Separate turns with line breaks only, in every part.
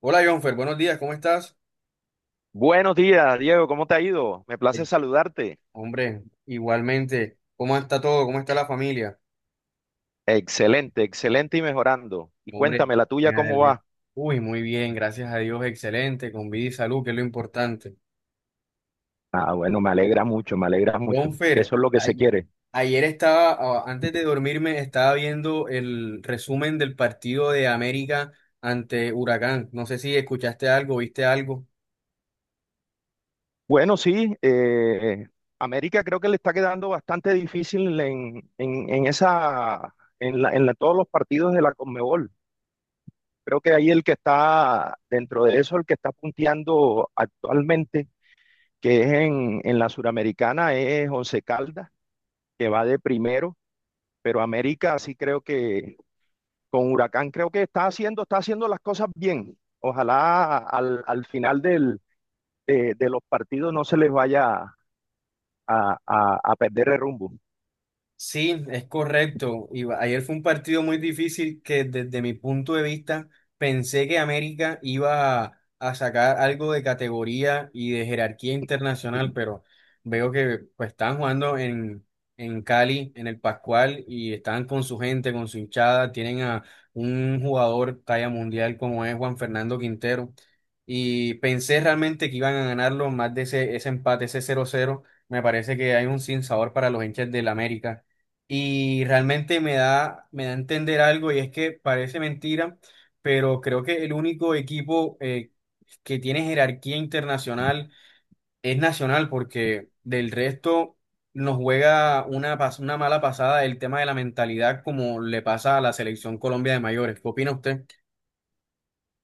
Hola, Jonfer, buenos días, ¿cómo estás?
Buenos días, Diego, ¿cómo te ha ido? Me place
Eh,
saludarte.
Hombre, igualmente, ¿cómo está todo? ¿Cómo está la familia?
Excelente, excelente y mejorando. Y
Hombre,
cuéntame, la tuya,
ya,
¿cómo
el-
va?
muy bien, gracias a Dios, excelente, con vida y salud, que es lo importante.
Ah, bueno, me alegra mucho, me alegra mucho. Eso
Jonfer,
es lo que se quiere.
ayer estaba, antes de dormirme, estaba viendo el resumen del partido de América ante Huracán. No sé si escuchaste algo, viste algo.
Bueno, sí, América creo que le está quedando bastante difícil en esa, en todos los partidos de la Conmebol. Creo que ahí el que está dentro de eso, el que está punteando actualmente, que es en la Suramericana, es Once Caldas, que va de primero, pero América sí creo que con Huracán creo que está haciendo las cosas bien. Ojalá al final de los partidos no se les vaya a perder el rumbo.
Sí, es correcto. Ayer fue un partido muy difícil que, desde mi punto de vista, pensé que América iba a sacar algo de categoría y de jerarquía internacional, pero veo que pues están jugando en Cali, en el Pascual, y están con su gente, con su hinchada, tienen a un jugador talla mundial como es Juan Fernando Quintero. Y pensé realmente que iban a ganarlo más de ese empate, ese 0-0. Me parece que hay un sinsabor para los hinchas del América, y realmente me da a entender algo, y es que parece mentira, pero creo que el único equipo que tiene jerarquía internacional es Nacional, porque del resto nos juega una mala pasada el tema de la mentalidad, como le pasa a la selección Colombia de mayores. ¿Qué opina usted?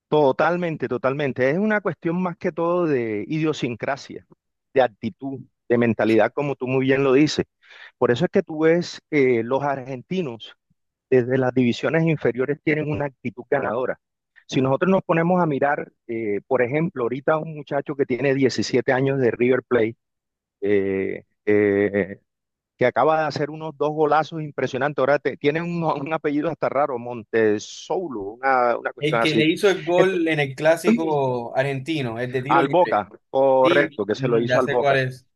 Totalmente, totalmente. Es una cuestión más que todo de idiosincrasia, de actitud, de mentalidad, como tú muy bien lo dices. Por eso es que tú ves los argentinos desde las divisiones inferiores tienen una actitud ganadora. Si nosotros nos ponemos a mirar, por ejemplo, ahorita un muchacho que tiene 17 años de River Plate, eh, eh, que acaba de hacer unos dos golazos impresionantes, ahora te, tiene apellido hasta raro, Montesoulo, una
El
cuestión
que le
así.
hizo el
Entonces,
gol en el clásico argentino, el de tiro
al
libre.
Boca,
Sí,
correcto, que se lo hizo
ya
al
sé cuál
Boca.
es.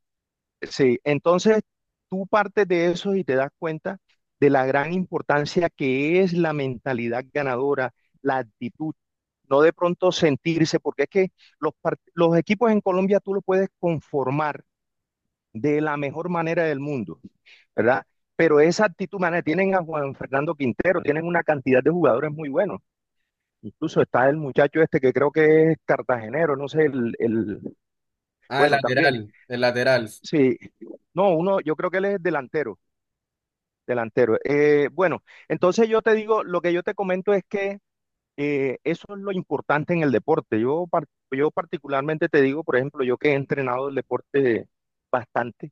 Sí, entonces tú partes de eso y te das cuenta de la gran importancia que es la mentalidad ganadora, la actitud, no de pronto sentirse, porque es que los equipos en Colombia tú los puedes conformar de la mejor manera del mundo, ¿verdad? Pero esa actitud, man, tienen a Juan Fernando Quintero, tienen una cantidad de jugadores muy buenos. Incluso está el muchacho este que creo que es cartagenero, no sé,
Ah, el
bueno, también.
lateral, el lateral.
Sí, no, uno, yo creo que él es delantero, delantero. Bueno, entonces yo te digo, lo que yo te comento es que eso es lo importante en el deporte. Yo particularmente te digo, por ejemplo, yo que he entrenado el deporte bastante,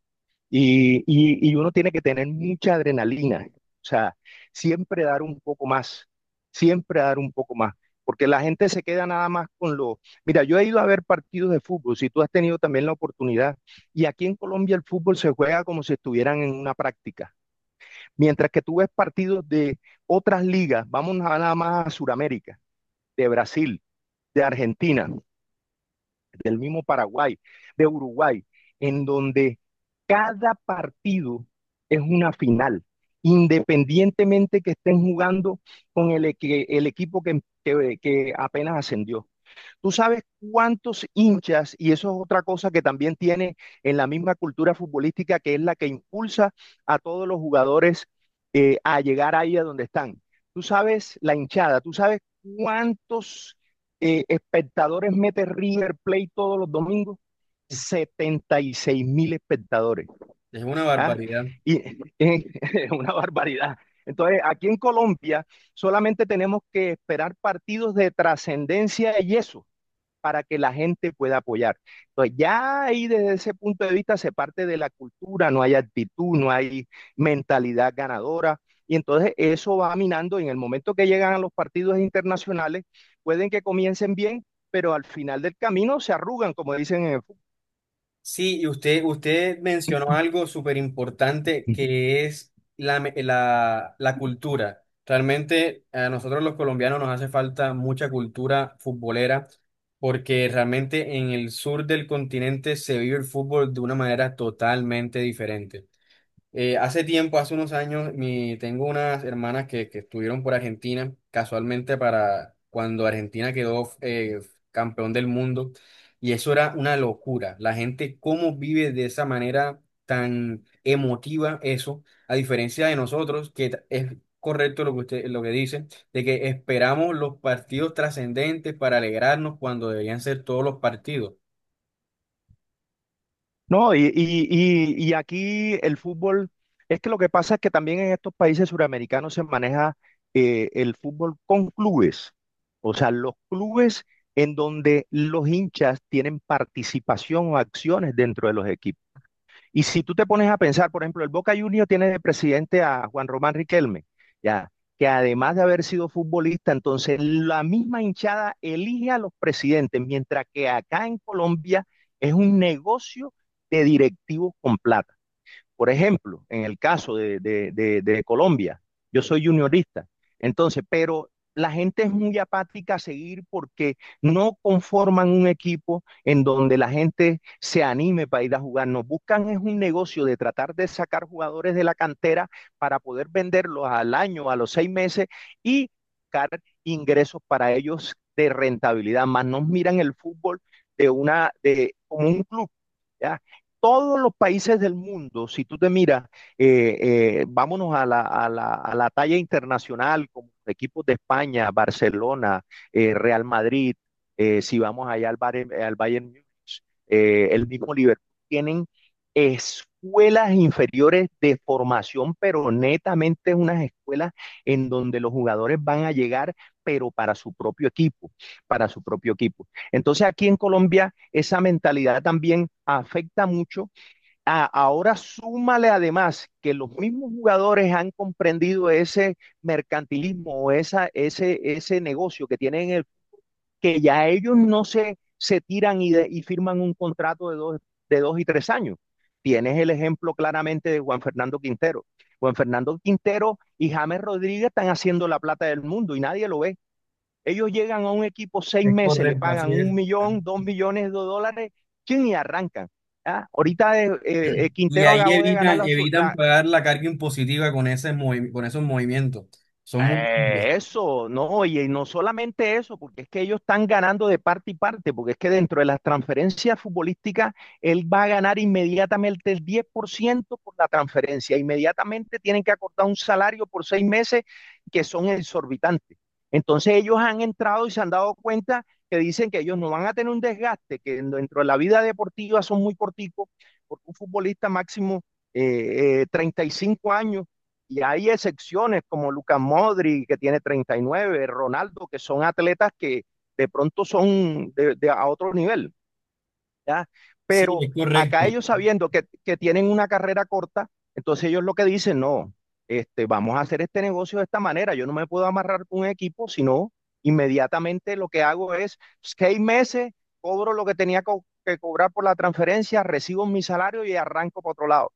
y uno tiene que tener mucha adrenalina, o sea, siempre dar un poco más, siempre dar un poco más, porque la gente se queda nada más con lo... Mira, yo he ido a ver partidos de fútbol, si tú has tenido también la oportunidad, y aquí en Colombia el fútbol se juega como si estuvieran en una práctica, mientras que tú ves partidos de otras ligas, vamos nada más a Sudamérica, de Brasil, de Argentina, del mismo Paraguay, de Uruguay, en donde cada partido es una final, independientemente que estén jugando con el equipo que apenas ascendió. Tú sabes cuántos hinchas, y eso es otra cosa que también tiene en la misma cultura futbolística, que es la que impulsa a todos los jugadores a llegar ahí a donde están. Tú sabes la hinchada, tú sabes cuántos espectadores mete River Plate todos los domingos. 76 mil espectadores.
Es una
¿Ah?
barbaridad.
Y es una barbaridad. Entonces, aquí en Colombia solamente tenemos que esperar partidos de trascendencia y eso para que la gente pueda apoyar. Entonces, ya ahí desde ese punto de vista se parte de la cultura, no hay actitud, no hay mentalidad ganadora. Y entonces eso va minando y en el momento que llegan a los partidos internacionales, pueden que comiencen bien, pero al final del camino se arrugan, como dicen en el fútbol.
Sí, usted mencionó algo súper importante que es la cultura. Realmente a nosotros los colombianos nos hace falta mucha cultura futbolera, porque realmente en el sur del continente se vive el fútbol de una manera totalmente diferente. Hace tiempo, hace unos años, tengo unas hermanas que estuvieron por Argentina, casualmente para cuando Argentina quedó campeón del mundo, y eso era una locura. La gente, cómo vive de esa manera tan emotiva eso, a diferencia de nosotros, es correcto lo que usted, lo que dice, de que esperamos los partidos trascendentes para alegrarnos cuando deberían ser todos los partidos.
No, y aquí el fútbol, es que lo que pasa es que también en estos países suramericanos se maneja el fútbol con clubes, o sea, los clubes en donde los hinchas tienen participación o acciones dentro de los equipos. Y si tú te pones a pensar, por ejemplo, el Boca Juniors tiene de presidente a Juan Román Riquelme, ya, que además de haber sido futbolista, entonces la misma hinchada elige a los presidentes, mientras que acá en Colombia es un negocio de directivos con plata. Por ejemplo, en el caso de Colombia, yo soy juniorista. Entonces, pero la gente es muy apática a seguir porque no conforman un equipo en donde la gente se anime para ir a jugar. Nos buscan es un negocio de tratar de sacar jugadores de la cantera para poder venderlos al año, a los 6 meses, y buscar ingresos para ellos de rentabilidad. Más nos miran el fútbol como un club, ¿ya? Todos los países del mundo, si tú te miras, vámonos a a la talla internacional, como equipos de España, Barcelona, Real Madrid, si vamos allá Bayern, al Bayern Múnich, el mismo Liverpool, tienen escuelas inferiores de formación, pero netamente unas escuelas en donde los jugadores van a llegar, pero para su propio equipo, para su propio equipo. Entonces aquí en Colombia esa mentalidad también afecta mucho. Ahora súmale además que los mismos jugadores han comprendido ese mercantilismo o ese negocio que tienen que ya ellos no se tiran y, y firman un contrato de dos, de 2 y 3 años. Tienes el ejemplo claramente de Juan Fernando Quintero. Juan Fernando Quintero y James Rodríguez están haciendo la plata del mundo y nadie lo ve. Ellos llegan a un equipo seis
Es
meses, le
correcto,
pagan
así
un
es.
millón, 2 millones de dólares, chin, y arrancan. ¿Ah? Ahorita
Y
Quintero
ahí
acabó de ganar
evitan,
la,
evitan
la-
pagar la carga impositiva con con esos movimientos. Son muy...
No, y no solamente eso, porque es que ellos están ganando de parte y parte, porque es que dentro de las transferencias futbolísticas, él va a ganar inmediatamente el 10% por la transferencia, inmediatamente tienen que acordar un salario por 6 meses que son exorbitantes. Entonces ellos han entrado y se han dado cuenta, que dicen que ellos no van a tener un desgaste, que dentro de la vida deportiva son muy corticos, porque un futbolista máximo 35 años, y hay excepciones como Lucas Modri, que tiene 39, Ronaldo, que son atletas que de pronto son de a otro nivel, ¿ya?
Sí,
Pero
es correcto.
acá ellos sabiendo que tienen una carrera corta, entonces ellos lo que dicen, no, este, vamos a hacer este negocio de esta manera, yo no me puedo amarrar con un equipo, sino inmediatamente lo que hago es 6 meses, cobro lo que tenía que cobrar por la transferencia, recibo mi salario y arranco para otro lado.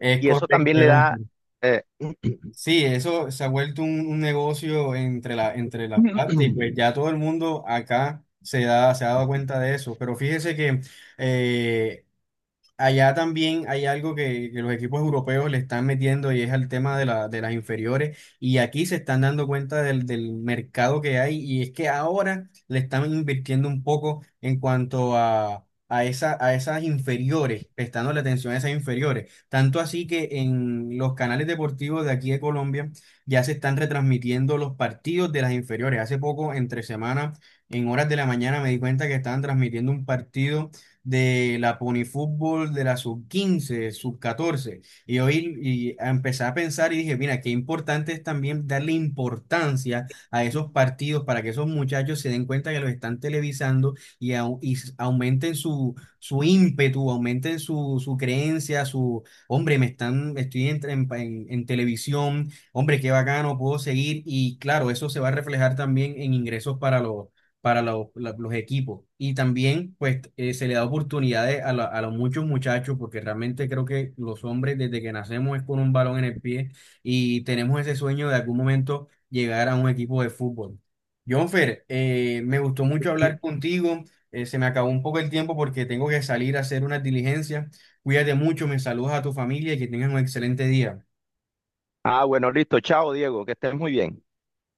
Es
Y eso
correcto,
también le da
Jonfer.
eh,
Sí, eso se ha vuelto un negocio entre entre las partes, y pues ya todo el mundo acá se ha dado cuenta de eso. Pero fíjese que eh, allá también hay algo que los equipos europeos le están metiendo, y es el tema de, la- de las inferiores. Y aquí se están dando cuenta del mercado que hay, y es que ahora le están invirtiendo un poco en cuanto a, esa, a esas inferiores, prestando la atención a esas inferiores. Tanto así que en los canales deportivos de aquí de Colombia ya se están retransmitiendo los partidos de las inferiores. Hace poco, entre semana, en horas de la mañana, me di cuenta que estaban transmitiendo un partido de la Pony Fútbol, de la sub 15, sub 14. Y hoy y empecé a pensar y dije, mira, qué importante es también darle importancia a esos partidos, para que esos muchachos se den cuenta que los están televisando y, au- y s- aumenten su ímpetu, aumenten su creencia, su, hombre, me están, estoy en televisión, hombre, qué bacano, puedo seguir. Y claro, eso se va a reflejar también en ingresos para los los equipos. Y también, pues, se le da oportunidades a, la- a los muchos muchachos, porque realmente creo que los hombres, desde que nacemos, es con un balón en el pie, y tenemos ese sueño de algún momento llegar a un equipo de fútbol. Jonfer, me gustó mucho hablar contigo. Se me acabó un poco el tiempo porque tengo que salir a hacer unas diligencias. Cuídate mucho, me saludas a tu familia, y que tengas un excelente día.
Ah, bueno, listo. Chao, Diego. Que estés muy bien.